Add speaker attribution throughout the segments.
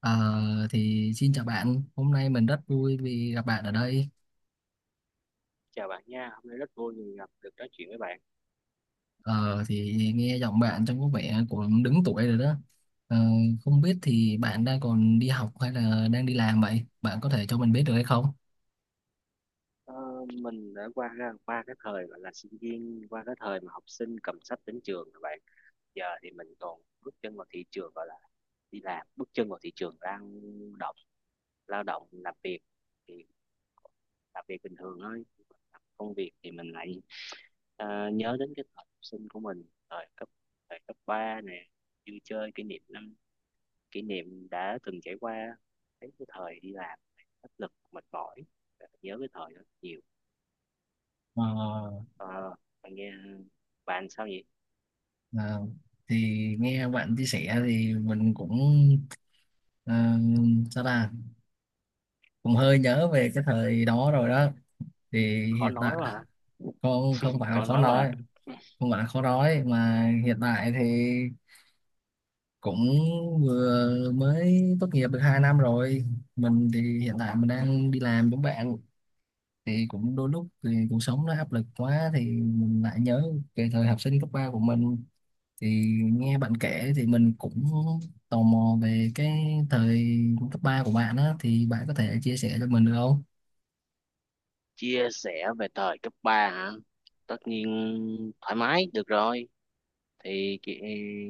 Speaker 1: Ờ, thì xin chào bạn, hôm nay mình rất vui vì gặp bạn ở đây.
Speaker 2: Chào bạn nha, hôm nay rất vui vì gặp được nói chuyện với bạn.
Speaker 1: Ờ, thì nghe giọng bạn trông có vẻ cũng đứng tuổi rồi đó. Ờ, không biết thì bạn đang còn đi học hay là đang đi làm vậy? Bạn có thể cho mình biết được hay không?
Speaker 2: ờ, mình đã qua qua cái thời gọi là sinh viên, qua cái thời mà học sinh cầm sách đến trường các bạn. Giờ thì mình còn bước chân vào thị trường, gọi là đi làm, bước chân vào thị trường động lao động làm việc. Thì làm việc bình thường thôi. Làm công việc thì mình lại nhớ đến cái thời học sinh của mình, thời cấp thời cấp ba nè, vui chơi, kỷ niệm đã từng trải qua. Thấy cái thời đi làm áp lực mệt mỏi, nhớ cái thời đó nhiều.
Speaker 1: Ờ,
Speaker 2: Ờ, bạn nghe, bạn sao vậy?
Speaker 1: ờ, thì nghe bạn chia sẻ thì mình cũng ờ, sao ta cũng hơi nhớ về cái thời đó rồi đó. Thì
Speaker 2: Khó
Speaker 1: hiện
Speaker 2: nói quá
Speaker 1: tại
Speaker 2: hả?
Speaker 1: không, không phải là
Speaker 2: Khó
Speaker 1: khó
Speaker 2: nói quá hả?
Speaker 1: nói, không phải là khó nói mà hiện tại thì cũng vừa mới tốt nghiệp được 2 năm rồi. Mình thì hiện tại mình đang đi làm giống bạn, thì cũng đôi lúc thì cuộc sống nó áp lực quá thì mình lại nhớ về thời học sinh cấp 3 của mình. Thì nghe bạn kể thì mình cũng tò mò về cái thời cấp 3 của bạn á, thì bạn có thể chia sẻ cho mình được không?
Speaker 2: Chia sẻ về thời cấp 3 hả? Tất nhiên, thoải mái được rồi. Thì chị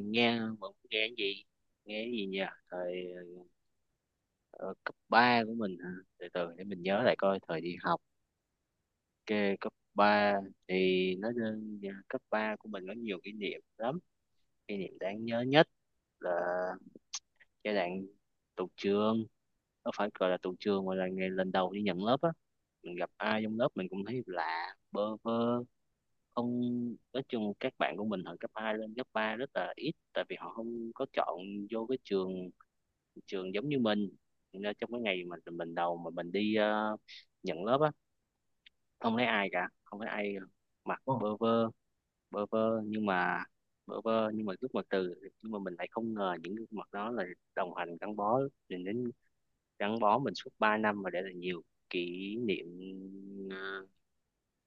Speaker 2: nghe, vẫn nghe cái gì nhỉ? thời ờ, Cấp 3 của mình hả? Từ từ để mình nhớ lại coi thời đi học cái cấp ba. Thì nó cấp 3 của mình có nhiều kỷ niệm lắm. Kỷ niệm đáng nhớ nhất là giai đoạn tụt trường. Nó phải gọi là tụt trường, mà là ngày lần đầu đi nhận lớp á, mình gặp ai trong lớp mình cũng thấy lạ, bơ vơ. Không, nói chung các bạn của mình hồi cấp 2 lên cấp 3 rất là ít, tại vì họ không có chọn vô cái trường trường giống như mình. Nên trong cái ngày mà mình đầu mà mình đi nhận lớp á, không thấy ai cả, không thấy ai, mặc
Speaker 1: Ồ.
Speaker 2: bơ vơ. Bơ vơ, nhưng mà bơ vơ nhưng mà gương mặt từ nhưng mà mình lại không ngờ những gương mặt đó là đồng hành gắn bó mình đến gắn bó mình suốt 3 năm, và để lại nhiều kỷ niệm ờ,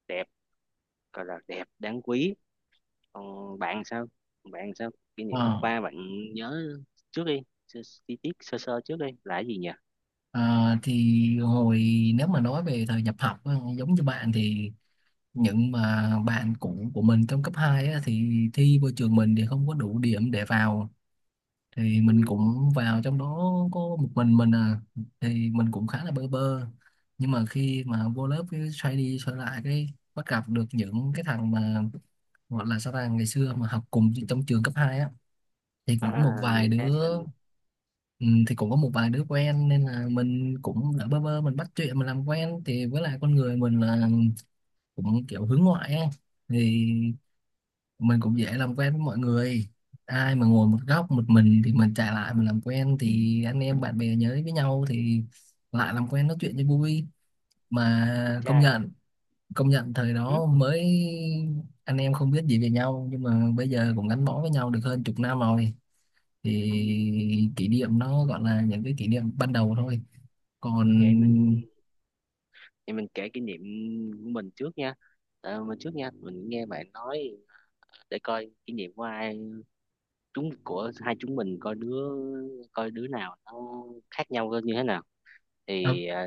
Speaker 2: đẹp, gọi là đẹp, đáng quý. Còn bạn sao? Bạn sao? Kỷ niệm cấp
Speaker 1: Ờ,
Speaker 2: 3 bạn nhớ, trước đi, sơ, chi tiết sơ sơ trước đi là cái gì nhỉ?
Speaker 1: à, thì nếu mà nói về thời nhập học á, giống như bạn, thì những mà bạn cũ của mình trong cấp 2 á, thì thi vô trường mình thì không có đủ điểm để vào, thì mình
Speaker 2: Ừ.
Speaker 1: cũng vào trong đó có một mình à. Thì mình cũng khá là bơ vơ, nhưng mà khi mà vô lớp cái xoay đi xoay lại cái bắt gặp được những cái thằng mà gọi là sao ta ngày xưa mà học cùng trong trường cấp 2 á, thì cũng có một
Speaker 2: À,
Speaker 1: vài
Speaker 2: vậy thế
Speaker 1: đứa.
Speaker 2: mình.
Speaker 1: Ừ, thì cũng có một vài đứa quen nên là mình cũng đã bơ vơ mình bắt chuyện mình làm quen, thì với lại con người mình là cũng kiểu hướng ngoại ấy. Thì mình cũng dễ làm quen với mọi người, ai mà ngồi một góc một mình thì mình chạy lại mình làm quen thì anh em bạn bè nhớ với nhau thì lại làm quen nói chuyện cho vui. Mà công
Speaker 2: Trai.
Speaker 1: nhận, công nhận thời
Speaker 2: Ừ.
Speaker 1: đó mới anh em không biết gì về nhau nhưng mà bây giờ cũng gắn bó với nhau được hơn chục năm rồi.
Speaker 2: Ừ.
Speaker 1: Thì kỷ niệm nó gọi là những cái kỷ niệm ban đầu thôi. Còn...
Speaker 2: Vậy mình, vậy mình kể kỷ niệm của mình trước nha. Ờ, mình trước nha, mình nghe bạn nói để coi kinh nghiệm của ai, của hai chúng mình coi đứa, coi đứa nào nó khác nhau như thế nào.
Speaker 1: Ờ,
Speaker 2: thì à,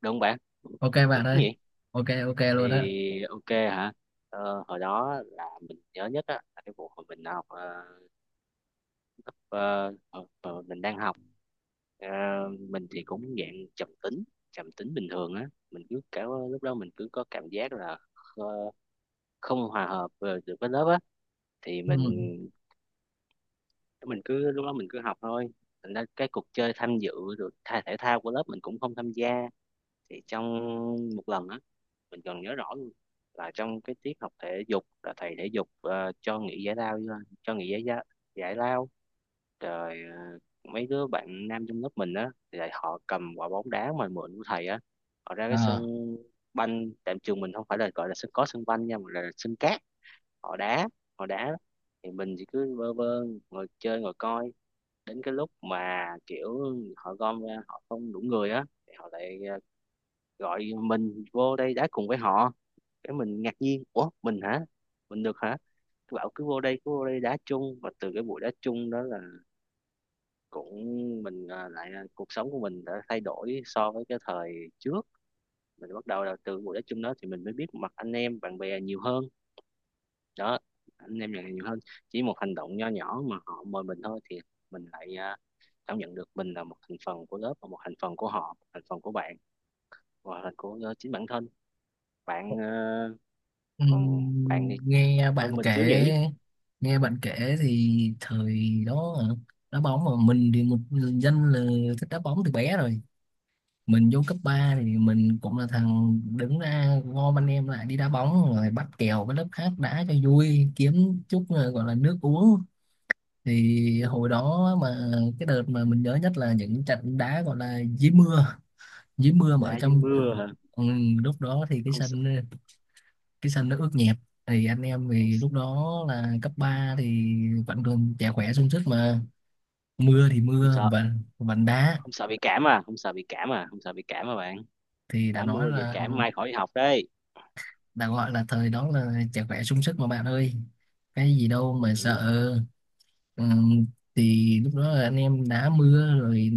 Speaker 2: Đúng không bạn?
Speaker 1: ok
Speaker 2: Được
Speaker 1: bạn
Speaker 2: chứ
Speaker 1: ơi.
Speaker 2: nhỉ?
Speaker 1: Ok, ok luôn á.
Speaker 2: Thì ok hả? Hồi đó là mình nhớ nhất á là cái vụ hồi mình học ờ, mình đang học. Ờ, mình thì cũng dạng trầm tính, trầm tính bình thường á. Mình cứ cả, lúc đó mình cứ có cảm giác là ờ, không hòa hợp được với lớp á. Thì mình
Speaker 1: Ừ.
Speaker 2: mình cứ, lúc đó mình cứ học thôi. Thành ra cái cuộc chơi tham dự rồi thể thao của lớp mình cũng không tham gia. Thì trong một lần á, mình còn nhớ rõ luôn, là trong cái tiết học thể dục là thầy thể dục cho nghỉ giải lao, cho nghỉ giải giải, giải lao rồi, mấy đứa bạn nam trong lớp mình á thì lại họ cầm quả bóng đá mà mượn của thầy á, họ ra cái sân
Speaker 1: Ờ.
Speaker 2: banh. Tại trường mình không phải là gọi là sân có sân banh nha, mà là sân cát. Họ đá, họ đá, thì mình chỉ cứ vơ vơ ngồi chơi, ngồi coi. Đến cái lúc mà kiểu họ gom ra họ không đủ người á, thì họ lại gọi mình vô đây đá cùng với họ. Cái mình ngạc nhiên, ủa mình hả? Mình được hả? Cứ bảo cứ vô đây, cứ vô đây đá chung. Và từ cái buổi đá chung đó là cũng mình ờ, lại ờ, cuộc sống của mình đã thay đổi so với cái thời trước. Mình bắt đầu là từ buổi đá chung đó thì mình mới biết mặt anh em bạn bè nhiều hơn. Đó, anh em bạn bè nhiều hơn. Chỉ một hành động nho nhỏ mà họ mời mình thôi, thì mình lại cảm nhận được mình là một thành phần của lớp, và một thành phần của họ, thành phần của bạn, và thành của chính bản thân bạn. Ờ, Còn bạn thì
Speaker 1: Ừm, nghe
Speaker 2: hơn
Speaker 1: bạn
Speaker 2: mình chứ
Speaker 1: kể
Speaker 2: nhỉ?
Speaker 1: nghe bạn kể thì thời đó hả? Đá bóng mà mình thì một người dân là thích đá bóng từ bé rồi. Mình vô cấp 3 thì mình cũng là thằng đứng ra gom anh em lại đi đá bóng rồi bắt kèo với lớp khác đá cho vui kiếm chút gọi là nước uống. Thì hồi
Speaker 2: Ừ,
Speaker 1: đó mà cái đợt mà mình nhớ nhất là những trận đá gọi là dưới mưa, dưới mưa mà ở
Speaker 2: đá dưới
Speaker 1: trong...
Speaker 2: mưa hả?
Speaker 1: Ừ, lúc đó thì cái
Speaker 2: Không sợ?
Speaker 1: sân cái sân nó ướt nhẹp. Thì anh em
Speaker 2: không,
Speaker 1: thì lúc
Speaker 2: sợ-
Speaker 1: đó là cấp 3 thì vẫn còn trẻ khỏe sung sức mà, mưa thì
Speaker 2: Không
Speaker 1: mưa
Speaker 2: sợ?
Speaker 1: vành vành
Speaker 2: Không,
Speaker 1: đá.
Speaker 2: không sợ bị cảm à, không sợ bị cảm à, không sợ bị cảm à bạn?
Speaker 1: Thì đã
Speaker 2: Đá
Speaker 1: nói
Speaker 2: mưa dễ
Speaker 1: là
Speaker 2: cảm, mai khỏi đi học đấy.
Speaker 1: đã gọi là thời đó là trẻ khỏe sung sức mà bạn ơi, cái gì đâu mà sợ.
Speaker 2: Ừ.
Speaker 1: Ừm, thì lúc đó là anh em đá mưa rồi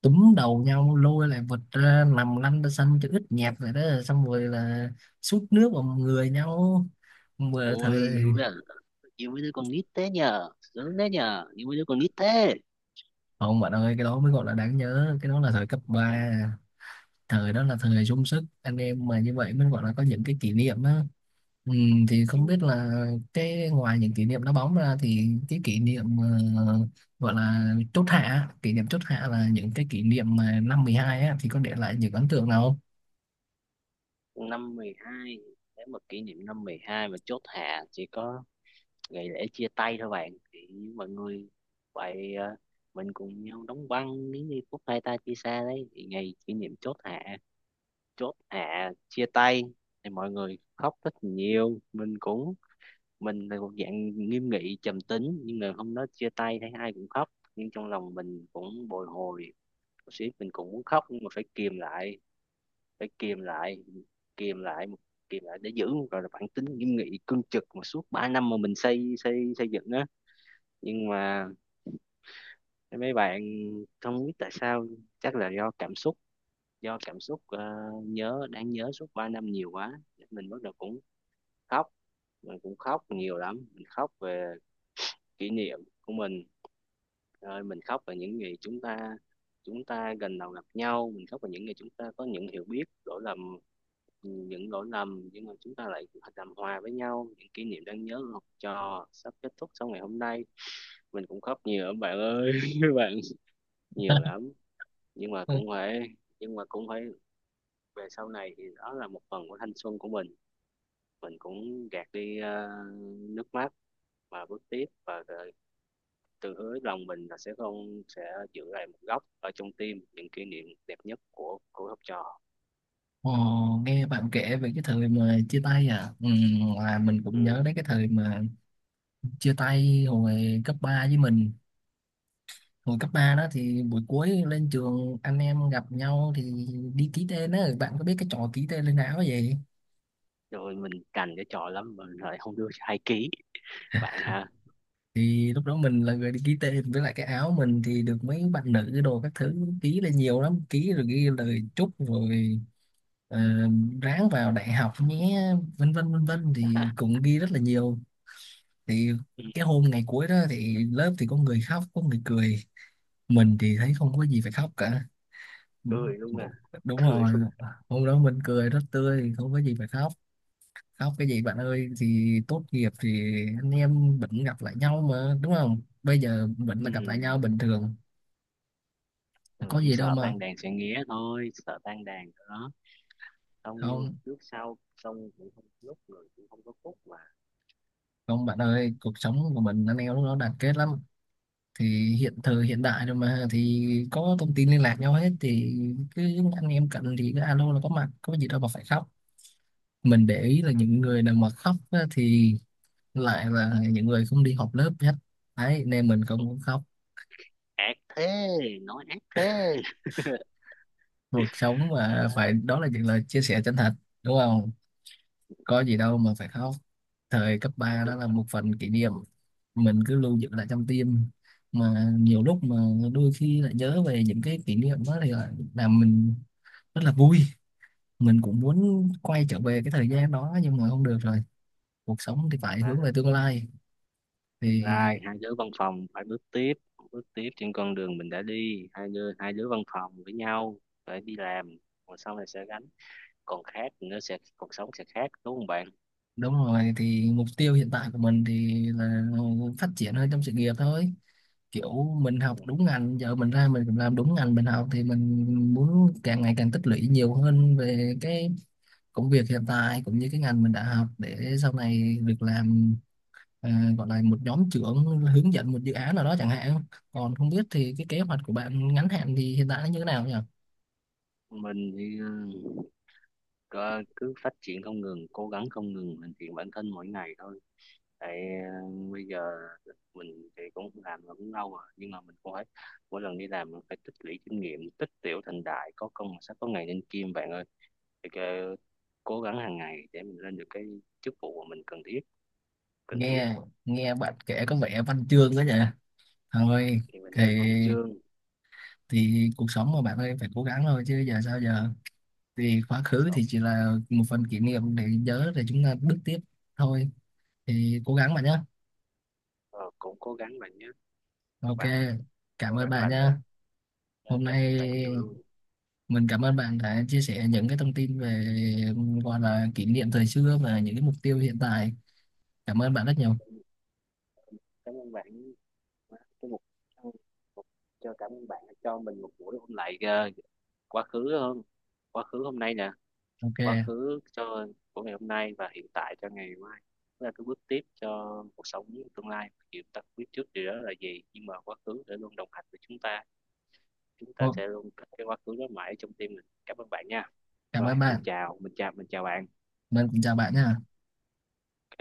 Speaker 1: túm đầu nhau lôi lại vật ra nằm lăn ra sân cho ướt nhẹp vậy đó, xong rồi là sút nước vào người nhau. Vừa
Speaker 2: Ôi,
Speaker 1: thời
Speaker 2: yêu với đứa con nít thế nhờ, sướng thế nhờ, yêu với đứa con nít thế.
Speaker 1: Không bạn ơi, cái đó mới gọi là đáng nhớ, cái đó là thời cấp ba, thời đó là thời sung sức, anh em mà như vậy mới gọi là có những cái kỷ niệm á. Ừ, thì
Speaker 2: Ừ,
Speaker 1: không biết là cái ngoài những kỷ niệm đá bóng ra thì cái kỷ niệm ờ, gọi là chốt hạ, kỷ niệm chốt hạ là những cái kỷ niệm mà năm 12 á thì có để lại những ấn tượng nào không?
Speaker 2: năm 12. Nếu mà kỷ niệm năm 12 mà chốt hạ chỉ có ngày lễ chia tay thôi bạn. Thì mọi người vậy mình cùng nhau đóng băng, nếu như phút hai ta chia xa đấy. Thì ngày kỷ niệm chốt hạ, chốt hạ chia tay, thì mọi người khóc rất nhiều. Mình cũng, mình là một dạng nghiêm nghị trầm tính, nhưng mà hôm đó chia tay thấy ai cũng khóc, nhưng trong lòng mình cũng bồi hồi một xíu, mình cũng muốn khóc, nhưng mà phải kìm lại, phải kìm lại, kìm lại, kìm lại để giữ gọi là bản tính nghiêm nghị cương trực mà suốt 3 năm mà mình xây xây xây dựng á. Nhưng mà mấy bạn, không biết tại sao, chắc là do cảm xúc, do cảm xúc nhớ đáng nhớ suốt 3 năm nhiều quá, mình bắt đầu cũng khóc. Mình cũng khóc nhiều lắm. Mình khóc về kỷ niệm của mình, rồi mình khóc về những gì chúng ta, chúng ta gần đầu gặp nhau, mình khóc về những gì chúng ta có những hiểu biết lỗi lầm, những lỗi lầm nhưng mà chúng ta lại làm hòa với nhau, những kỷ niệm đáng nhớ của học trò sắp kết thúc sau ngày hôm nay. Mình cũng khóc nhiều lắm bạn ơi. Bạn, nhiều lắm. Nhưng mà
Speaker 1: Ừ.
Speaker 2: cũng phải, nhưng mà cũng phải, về sau này thì đó là một phần của thanh xuân của mình. Mình cũng gạt đi nước mắt và bước tiếp, và tự hứa lòng mình là sẽ không sẽ giữ lại một góc ở trong tim những kỷ niệm đẹp nhất của học trò.
Speaker 1: Ồ, nghe bạn kể về cái thời mà chia tay à, ừ, là mình
Speaker 2: Ừ.
Speaker 1: cũng nhớ đến cái thời mà chia tay hồi cấp ba. Với mình, hồi cấp 3 đó thì buổi cuối lên trường anh em gặp nhau thì đi ký tên á, bạn có biết cái trò ký tên lên áo vậy.
Speaker 2: Rồi mình cành cái trò lắm, mình lại không đưa hai ký, bạn hả?
Speaker 1: Thì lúc đó mình là người đi ký tên, với lại cái áo mình thì được mấy bạn nữ đồ các thứ ký lên nhiều lắm, ký rồi ghi lời chúc rồi ờ, ráng vào đại học nhé, vân vân vân vân, thì cũng ghi rất là nhiều. Thì
Speaker 2: Ừ.
Speaker 1: cái hôm ngày cuối đó thì lớp thì có người khóc có người cười, mình thì thấy không có gì phải khóc cả.
Speaker 2: Cười luôn à?
Speaker 1: Đúng
Speaker 2: Cười
Speaker 1: rồi,
Speaker 2: luôn à.
Speaker 1: hôm đó mình cười rất tươi không có gì phải khóc. Khóc cái gì bạn ơi, thì tốt nghiệp thì anh em vẫn gặp lại nhau mà đúng không, bây giờ vẫn
Speaker 2: Ừ.
Speaker 1: là gặp lại nhau bình thường.
Speaker 2: Mình
Speaker 1: Có
Speaker 2: chỉ
Speaker 1: gì đâu
Speaker 2: sợ
Speaker 1: mà...
Speaker 2: tan đàn sẽ nghé thôi, sợ tan đàn đó. Xong như
Speaker 1: Không,
Speaker 2: trước sau, xong cũng không lúc người cũng không có phúc mà.
Speaker 1: không bạn ơi, cuộc sống của mình anh em lúc đó đoàn kết lắm. Thì hiện thời hiện đại rồi mà thì có thông tin liên lạc nhau hết thì cứ anh em cần thì cứ alo là có mặt, có gì đâu mà phải khóc. Mình để ý là những người nào mà khóc á, thì lại là những người không đi học lớp hết đấy, nên mình cũng muốn khóc.
Speaker 2: Ác thế, nói ác thế.
Speaker 1: Cuộc sống
Speaker 2: Ờ,
Speaker 1: mà phải, đó là những lời chia sẻ chân thật đúng không, có gì đâu mà phải khóc. Thời cấp 3 đó
Speaker 2: đúng
Speaker 1: là
Speaker 2: rồi.
Speaker 1: một phần kỷ niệm mình cứ lưu giữ lại trong tim, mà nhiều lúc mà đôi khi lại nhớ về những cái kỷ niệm đó thì là làm mình rất là vui. Mình cũng muốn quay trở về cái thời gian đó nhưng mà không được rồi, cuộc sống thì phải
Speaker 2: Và
Speaker 1: hướng về tương lai.
Speaker 2: tương
Speaker 1: Thì
Speaker 2: lai hai đứa văn phòng phải bước tiếp, bước tiếp trên con đường mình đã đi, hai đứa, hai đứa văn phòng với nhau. Phải đi làm, còn sau này sẽ gánh, còn khác thì nó sẽ, cuộc sống sẽ khác, đúng không bạn?
Speaker 1: đúng rồi, thì mục tiêu hiện tại của mình thì là phát triển hơn trong sự nghiệp thôi, kiểu mình
Speaker 2: Ừ.
Speaker 1: học đúng ngành giờ mình ra mình cũng làm đúng ngành mình học. Thì mình muốn càng ngày càng tích lũy nhiều hơn về cái công việc hiện tại cũng như cái ngành mình đã học để sau này được làm, à, gọi là một nhóm trưởng hướng dẫn một dự án nào đó chẳng hạn. Còn không biết thì cái kế hoạch của bạn ngắn hạn thì hiện tại nó như thế nào nhỉ?
Speaker 2: Mình thì cứ phát triển không ngừng, cố gắng không ngừng hoàn thiện bản thân mỗi ngày thôi. Tại bây giờ mình thì cũng làm là cũng lâu rồi, nhưng mà mình cũng phải, mỗi lần đi làm mình phải tích lũy kinh nghiệm, tích tiểu thành đại, có công mà sẽ có ngày nên kim bạn ơi. thì cái- Cố gắng hàng ngày để mình lên được cái chức vụ mà mình cần thiết, cần thiết.
Speaker 1: Nghe nghe bạn kể có vẻ văn chương quá nhỉ. Thôi
Speaker 2: Thì mình
Speaker 1: thì
Speaker 2: lên văn chương.
Speaker 1: cuộc sống mà bạn ơi phải cố gắng thôi chứ giờ sao giờ. Thì quá khứ
Speaker 2: Rồi,
Speaker 1: thì chỉ là một phần kỷ niệm để nhớ để chúng ta bước tiếp thôi, thì cố gắng bạn nhé.
Speaker 2: ờ, cũng cố gắng bạn nhé. Các
Speaker 1: Ok,
Speaker 2: bạn
Speaker 1: cảm
Speaker 2: cố
Speaker 1: ơn
Speaker 2: gắng
Speaker 1: bạn
Speaker 2: bạn ơi.
Speaker 1: nha.
Speaker 2: Ờ,
Speaker 1: Hôm
Speaker 2: cảm
Speaker 1: nay
Speaker 2: ơn bạn nhiều luôn.
Speaker 1: mình cảm ơn bạn đã chia sẻ những cái thông tin về gọi là kỷ niệm thời xưa và những cái mục tiêu hiện tại, cảm ơn bạn rất nhiều.
Speaker 2: Cảm ơn bạn. cái một một- cho cảm ơn bạn đã cho mình một buổi hôm lại quá khứ hơn, quá khứ hôm nay nè. Quá
Speaker 1: Ok.
Speaker 2: khứ cho Của ngày hôm nay, và hiện tại cho ngày mai. Đó là cái bước tiếp cho cuộc sống. Tương lai thì chúng ta không biết trước điều đó là gì, nhưng mà quá khứ sẽ luôn đồng hành với chúng ta, chúng ta
Speaker 1: Ô,
Speaker 2: sẽ luôn thích cái quá khứ đó mãi trong tim mình. Cảm ơn bạn nha.
Speaker 1: cảm
Speaker 2: Rồi
Speaker 1: ơn
Speaker 2: mình
Speaker 1: bạn.
Speaker 2: chào, mình chào bạn.
Speaker 1: Mình cũng chào bạn nha.